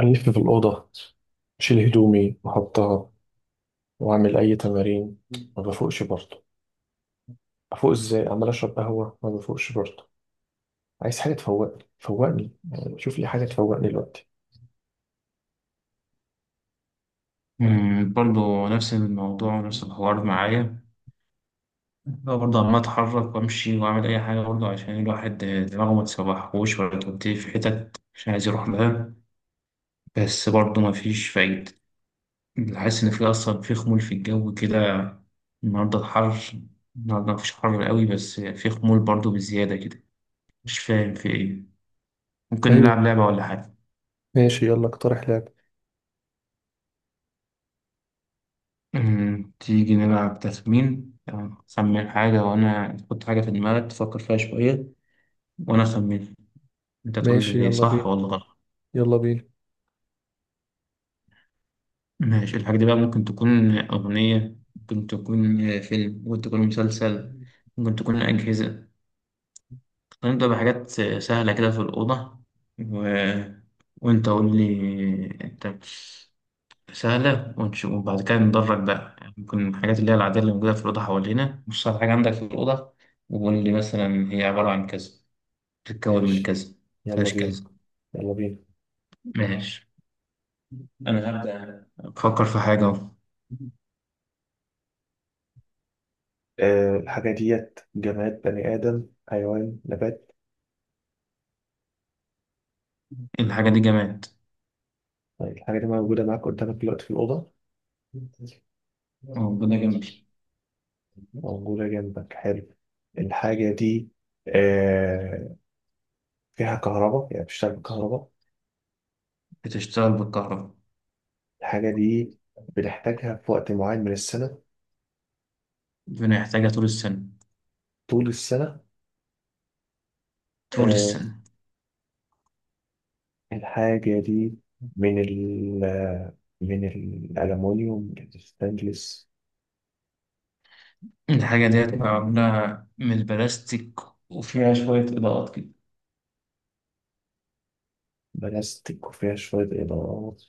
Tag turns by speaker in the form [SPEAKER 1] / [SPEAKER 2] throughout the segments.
[SPEAKER 1] ألف في الأوضة، أشيل هدومي وأحطها وأعمل أي تمارين. ما بفوقش برضه. أفوق إزاي عمال أشرب قهوة ما بفوقش برضه. عايز حاجة تفوقني، فوقني يعني شوف لي حاجة تفوقني دلوقتي.
[SPEAKER 2] برضو نفس الموضوع ونفس الحوار معايا. هو برضه عمال أتحرك وأمشي وأعمل أي حاجة برضه عشان الواحد دماغه ما تسوحهوش ولا توديه في حتت مش عايز يروح لها، بس برضه مفيش فايدة. حاسس إن في أصلا، في خمول في الجو كده. النهاردة الحر، النهاردة مفيش حر قوي، بس في خمول برضه بزيادة كده. مش فاهم في إيه. ممكن نلعب
[SPEAKER 1] أيوه،
[SPEAKER 2] لعبة ولا حاجة؟
[SPEAKER 1] ماشي يلا اقترح لعب.
[SPEAKER 2] تيجي نلعب تخمين، يعني خمن حاجة، وأنا تحط حاجة في دماغك تفكر فيها شوية وأنا أخمن. انت تقول لي
[SPEAKER 1] ماشي
[SPEAKER 2] إيه؟
[SPEAKER 1] يلا
[SPEAKER 2] صح
[SPEAKER 1] بينا
[SPEAKER 2] ولا غلط.
[SPEAKER 1] يلا بينا
[SPEAKER 2] ماشي، الحاجة دي بقى ممكن تكون أغنية، ممكن تكون فيلم، ممكن تكون مسلسل، ممكن تكون أجهزة. هنبدأ بحاجات سهلة كده في الأوضة، و... وأنت قول لي أنت. سهلة، وبعد كده ندرج بقى، يعني ممكن الحاجات اللي هي العادية اللي موجودة في الأوضة حوالينا، مش صعب حاجة عندك في الأوضة. وقول لي مثلا هي عبارة عن كذا، بتتكون من
[SPEAKER 1] ماشي
[SPEAKER 2] كذا،
[SPEAKER 1] يلا
[SPEAKER 2] مفيهاش
[SPEAKER 1] بينا
[SPEAKER 2] كذا.
[SPEAKER 1] يلا بينا.
[SPEAKER 2] ماشي، أنا هبدأ أفكر في حاجة أهو.
[SPEAKER 1] أه، الحاجة ديت جماد، بني آدم، حيوان، نبات؟
[SPEAKER 2] الحاجة دي جماد.
[SPEAKER 1] طيب الحاجة دي موجودة معاك قدامك دلوقتي في الأوضة؟
[SPEAKER 2] ربنا جميل.
[SPEAKER 1] موجودة جنبك؟ حلو. الحاجة دي آه، فيها كهرباء؟ يعني بتشتغل بالكهرباء.
[SPEAKER 2] بتشتغل بالكهرباء.
[SPEAKER 1] الحاجة دي بنحتاجها في وقت معين من السنة؟
[SPEAKER 2] ربنا يحتاجها طول السنة.
[SPEAKER 1] طول السنة؟
[SPEAKER 2] طول
[SPEAKER 1] آه،
[SPEAKER 2] السنة.
[SPEAKER 1] الحاجة دي من ال آه، من الألمونيوم، الستانلس؟
[SPEAKER 2] الحاجة دي هتبقى معمولة من البلاستيك، وفيها شوية إضاءات كده.
[SPEAKER 1] بلاستيك وفيها شوية إضاءات؟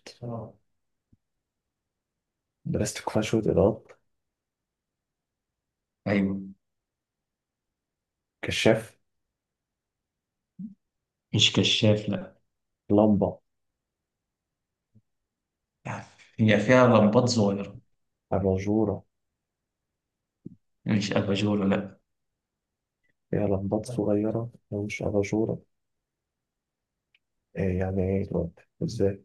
[SPEAKER 1] بلاستيك وفيها شوية إضاءات.
[SPEAKER 2] أيوة.
[SPEAKER 1] كشاف؟
[SPEAKER 2] مش كشاف، لأ.
[SPEAKER 1] لمبة؟
[SPEAKER 2] هي فيها لمبات صغيرة.
[SPEAKER 1] أباجورة؟
[SPEAKER 2] مش أباجورة، لأ.
[SPEAKER 1] فيها لمبات صغيرة هي مش أباجورة؟ يعني إيه دلوقتي إزاي؟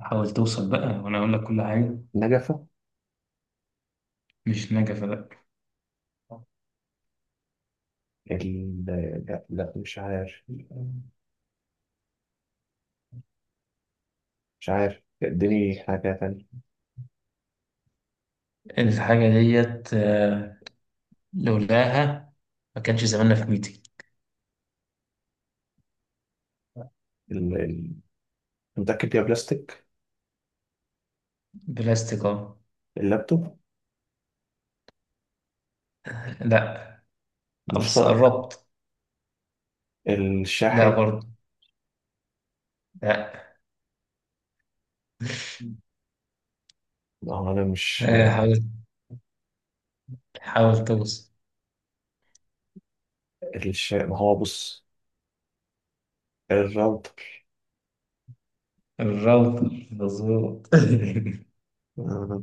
[SPEAKER 2] حاول توصل بقى وأنا أقول لك كل حاجة.
[SPEAKER 1] نجفة؟
[SPEAKER 2] مش نجفة، لأ.
[SPEAKER 1] ال... لا لا مش عارف، مش عارف اديني حاجة تانية.
[SPEAKER 2] الحاجة ديت لولاها ما كانش زماننا في ميتي.
[SPEAKER 1] ال... ال... متأكد يا بلاستيك؟
[SPEAKER 2] بلاستيك أه.
[SPEAKER 1] اللابتوب؟
[SPEAKER 2] لأ. بس
[SPEAKER 1] المشترك؟
[SPEAKER 2] قربت. لأ
[SPEAKER 1] الشاحن؟
[SPEAKER 2] برضه. لأ.
[SPEAKER 1] ما هو أنا مش...
[SPEAKER 2] حاول، حاول توصل.
[SPEAKER 1] ما هو بص، الراوتر؟
[SPEAKER 2] الراوتر مظبوط.
[SPEAKER 1] آه،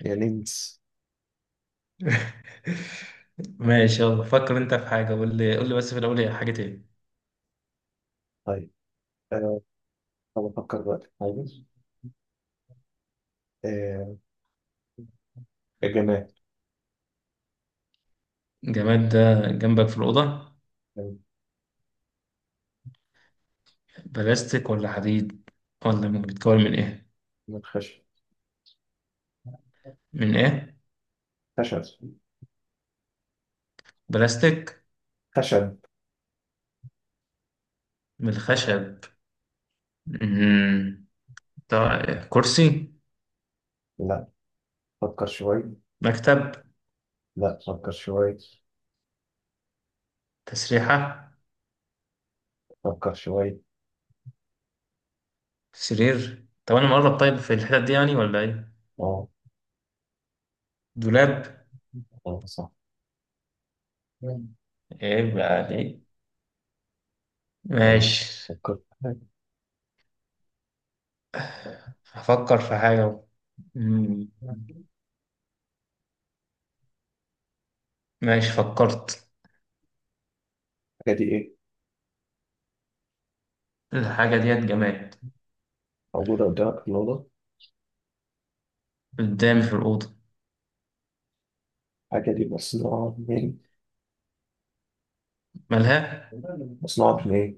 [SPEAKER 1] يا لينس.
[SPEAKER 2] ماشي، يلا فكر انت في حاجة، قول لي، قول لي بس في الأول هي حاجة ايه.
[SPEAKER 1] طيب، أه... طب أفكر بقى. طيب، أه... الجماد.
[SPEAKER 2] الجماد ده جنبك في الأوضة، بلاستيك ولا حديد، بيتكون من ايه؟
[SPEAKER 1] من خشب.
[SPEAKER 2] من ايه؟
[SPEAKER 1] خشب
[SPEAKER 2] بلاستيك؟
[SPEAKER 1] خشب.
[SPEAKER 2] من الخشب. مم. ده كرسي؟
[SPEAKER 1] لا فكر شوي،
[SPEAKER 2] مكتب؟
[SPEAKER 1] لا فكر شوي
[SPEAKER 2] تسريحة؟
[SPEAKER 1] فكر شوي
[SPEAKER 2] سرير؟ طب انا مقرب طيب في الحتت دي يعني ولا ايه؟
[SPEAKER 1] اه.
[SPEAKER 2] دولاب.
[SPEAKER 1] اه صح.
[SPEAKER 2] ايه بقى دي؟
[SPEAKER 1] لو
[SPEAKER 2] ماشي.
[SPEAKER 1] فكرت في حاجة.
[SPEAKER 2] هفكر في حاجة. مم. ماشي، فكرت.
[SPEAKER 1] الحاجة دي إيه؟
[SPEAKER 2] الحاجة ديت جماد.
[SPEAKER 1] موجودة قدامك في الأوضة؟
[SPEAKER 2] قدامي في الأوضة.
[SPEAKER 1] الحاجة دي مصنوعة من،
[SPEAKER 2] مالها؟
[SPEAKER 1] مصنوعة من إيه؟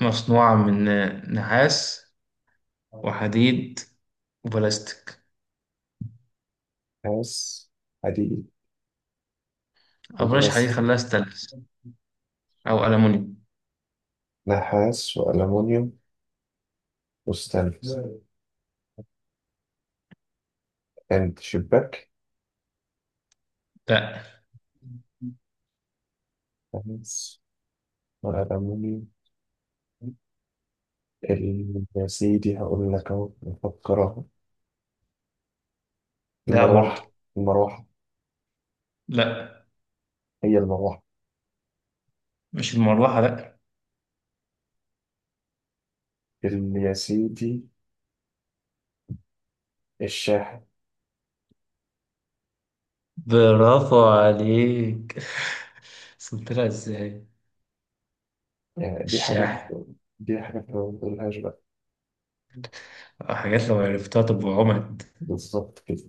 [SPEAKER 2] مصنوعة من نحاس، وحديد، وبلاستيك.
[SPEAKER 1] نحاس، حديد،
[SPEAKER 2] أو بلاش حديد،
[SPEAKER 1] وبلاستيك؟
[SPEAKER 2] خليها ستانلس، أو ألمونيوم.
[SPEAKER 1] نحاس وألمونيوم وستانلس؟ عند شباك؟
[SPEAKER 2] لأ.
[SPEAKER 1] نحاس وألمونيوم يا سيدي هقول لك أهو، نفكر أهو.
[SPEAKER 2] لأ
[SPEAKER 1] المروحة،
[SPEAKER 2] برضه.
[SPEAKER 1] المروحة؟
[SPEAKER 2] لأ.
[SPEAKER 1] هي المروحة؟
[SPEAKER 2] مش المروحة، لأ.
[SPEAKER 1] يا سيدي، الشاحن.
[SPEAKER 2] برافو عليك! وصلت لها إزاي؟
[SPEAKER 1] يعني دي حاجات،
[SPEAKER 2] الشاحن.
[SPEAKER 1] دي حاجات ما بنقولهاش بقى.
[SPEAKER 2] أو حاجات لو عرفتها تبقى عمد.
[SPEAKER 1] بالظبط كده.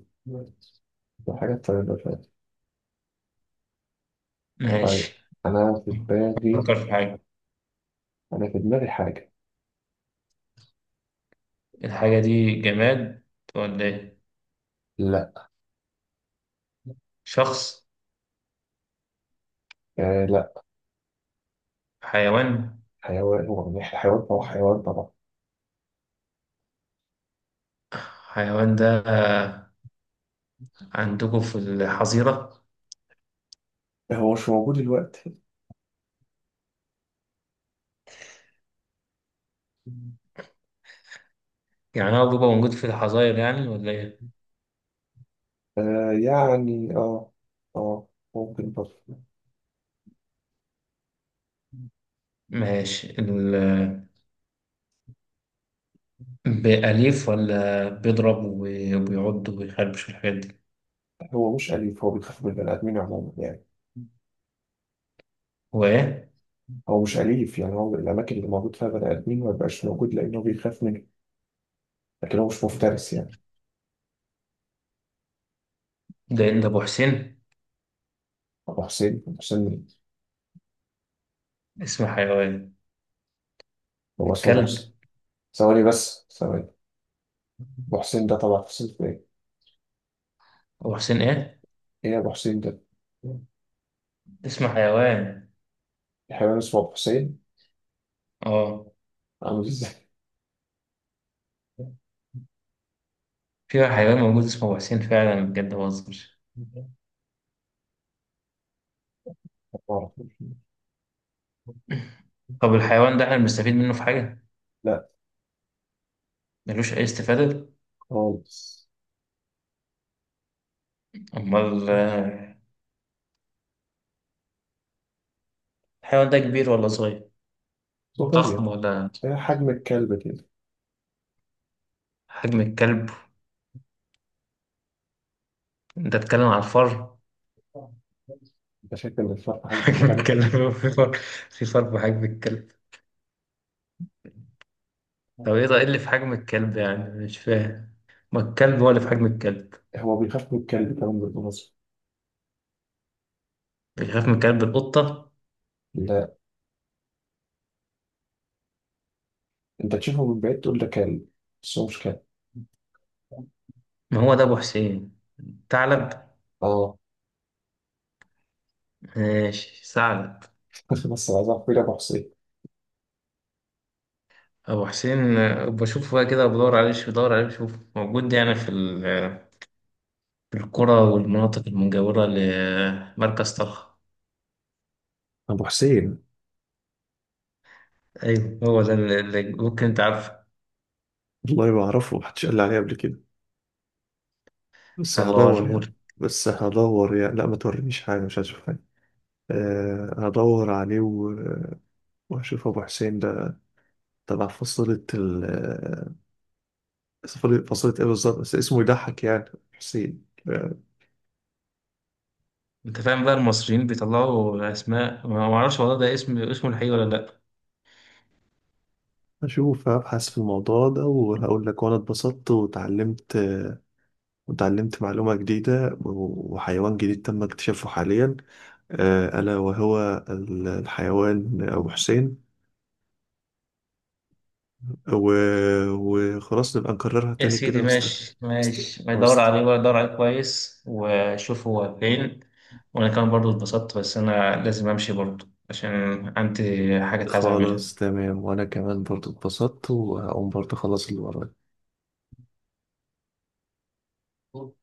[SPEAKER 1] ده حاجة طيبة فعلا.
[SPEAKER 2] ماشي،
[SPEAKER 1] طيب، أنا في دماغي،
[SPEAKER 2] فكر في حاجة.
[SPEAKER 1] أنا في دماغي حاجة.
[SPEAKER 2] الحاجة دي جماد ولا إيه؟
[SPEAKER 1] لا.
[SPEAKER 2] شخص؟
[SPEAKER 1] آه لا.
[SPEAKER 2] حيوان؟
[SPEAKER 1] حيوان؟ هو يعني حيوان، هو حيوان طبعا.
[SPEAKER 2] حيوان ده عندكم في الحظيرة؟
[SPEAKER 1] هو مش موجود دلوقتي.
[SPEAKER 2] يعني هو بيبقى موجود في الحظاير يعني ولا إيه؟
[SPEAKER 1] آه يعني اه، اه ممكن برضه.
[SPEAKER 2] ماشي. بأليف ولا بيضرب وبيعض وبيخربش الحاجات دي؟
[SPEAKER 1] هو مش أليف، هو بيخاف من البني آدمين عموما يعني.
[SPEAKER 2] هو إيه؟
[SPEAKER 1] هو مش أليف يعني، هو الأماكن اللي موجود فيها بني آدمين ما بيبقاش موجود لأنه بيخاف منه. لكن هو مش مفترس يعني.
[SPEAKER 2] ده إيه؟ ده أبو حسين؟
[SPEAKER 1] أبو حسين؟ أبو حسين مين؟
[SPEAKER 2] اسم حيوان.
[SPEAKER 1] هو اسمه أبو حسين؟
[SPEAKER 2] الكلب.
[SPEAKER 1] ثواني بس، ثواني. ابو حسين ده طبعا حسين في ايه؟
[SPEAKER 2] أبو حسين إيه؟
[SPEAKER 1] ايه يا ابو حسين ده؟
[SPEAKER 2] اسم حيوان.
[SPEAKER 1] حيوان اسمه ابو حسين؟
[SPEAKER 2] آه.
[SPEAKER 1] عامل ازاي؟
[SPEAKER 2] في حيوان موجود اسمه أبو حسين فعلا، بجد ما بهزرش.
[SPEAKER 1] ما أعرف.
[SPEAKER 2] طب الحيوان ده احنا بنستفيد منه في حاجة؟
[SPEAKER 1] لا.
[SPEAKER 2] ملوش أي استفادة؟
[SPEAKER 1] خالص.
[SPEAKER 2] أمال الحيوان ده كبير ولا صغير؟
[SPEAKER 1] صغير.
[SPEAKER 2] ضخم ولا؟
[SPEAKER 1] إيه حجم الكلب كده.
[SPEAKER 2] حجم الكلب؟ أنت بتتكلم على الفار؟
[SPEAKER 1] انت شايف ان الفرق حجم
[SPEAKER 2] حجم
[SPEAKER 1] الكلب.
[SPEAKER 2] الكلب في فار؟ في فار بحجم الكلب؟ طب إيه ده؟ إيه اللي في حجم الكلب يعني؟ مش فاهم. ما الكلب هو اللي في حجم الكلب.
[SPEAKER 1] هو بيخاف من الكلب كمان بالمناسبة.
[SPEAKER 2] بيخاف من كلب القطة؟
[SPEAKER 1] لا، انت تشوفه من بعيد تقول ده كلب، بس هو مش كلب.
[SPEAKER 2] ما هو ده أبو حسين. ثعلب؟
[SPEAKER 1] اه.
[SPEAKER 2] ماشي ثعلب.
[SPEAKER 1] بس عايز اعرف مين ابو حسين.
[SPEAKER 2] أبو حسين، بشوفه بقى كده، بدور عليه شوف، بدور عليه شوف موجود يعني في في القرى والمناطق المجاورة لمركز طلخ.
[SPEAKER 1] أبو حسين،
[SPEAKER 2] ايوه، هو ده اللي ممكن انت عارفه.
[SPEAKER 1] والله ما أعرفه، محدش قال لي عليه قبل كده. بس هدور
[SPEAKER 2] هبوريهولك.
[SPEAKER 1] يعني، بس هدور يعني. لا ما تورينيش حاجة، مش هشوف. هدور عليه واشوف ابو حسين ده تبع فصيلة ال آه، فصيلة، فصيلة ايه بالظبط؟ بس اسمه يضحك يعني. حسين.
[SPEAKER 2] انت فاهم بقى المصريين بيطلعوا اسماء، ما اعرفش والله، ده اسم اسمه الحقيقي ولا لا.
[SPEAKER 1] اشوف ابحث في الموضوع ده وهقول لك، وانا اتبسطت وتعلمت، وتعلمت معلومة جديدة وحيوان جديد تم اكتشافه حاليا، ألا وهو الحيوان أبو حسين. وخلاص نبقى نكررها
[SPEAKER 2] يا
[SPEAKER 1] تاني
[SPEAKER 2] سيدي
[SPEAKER 1] كده. وست
[SPEAKER 2] ماشي
[SPEAKER 1] وست
[SPEAKER 2] ماشي، ما يدور
[SPEAKER 1] وست
[SPEAKER 2] عليه ولا يدور عليه كويس وشوف هو فين. وانا كمان برضو اتبسطت، بس انا لازم امشي برضو عشان عندي حاجة عايز اعملها.
[SPEAKER 1] خلاص، تمام. وانا كمان برضو اتبسطت وهقوم برضو اخلص اللي ورايا.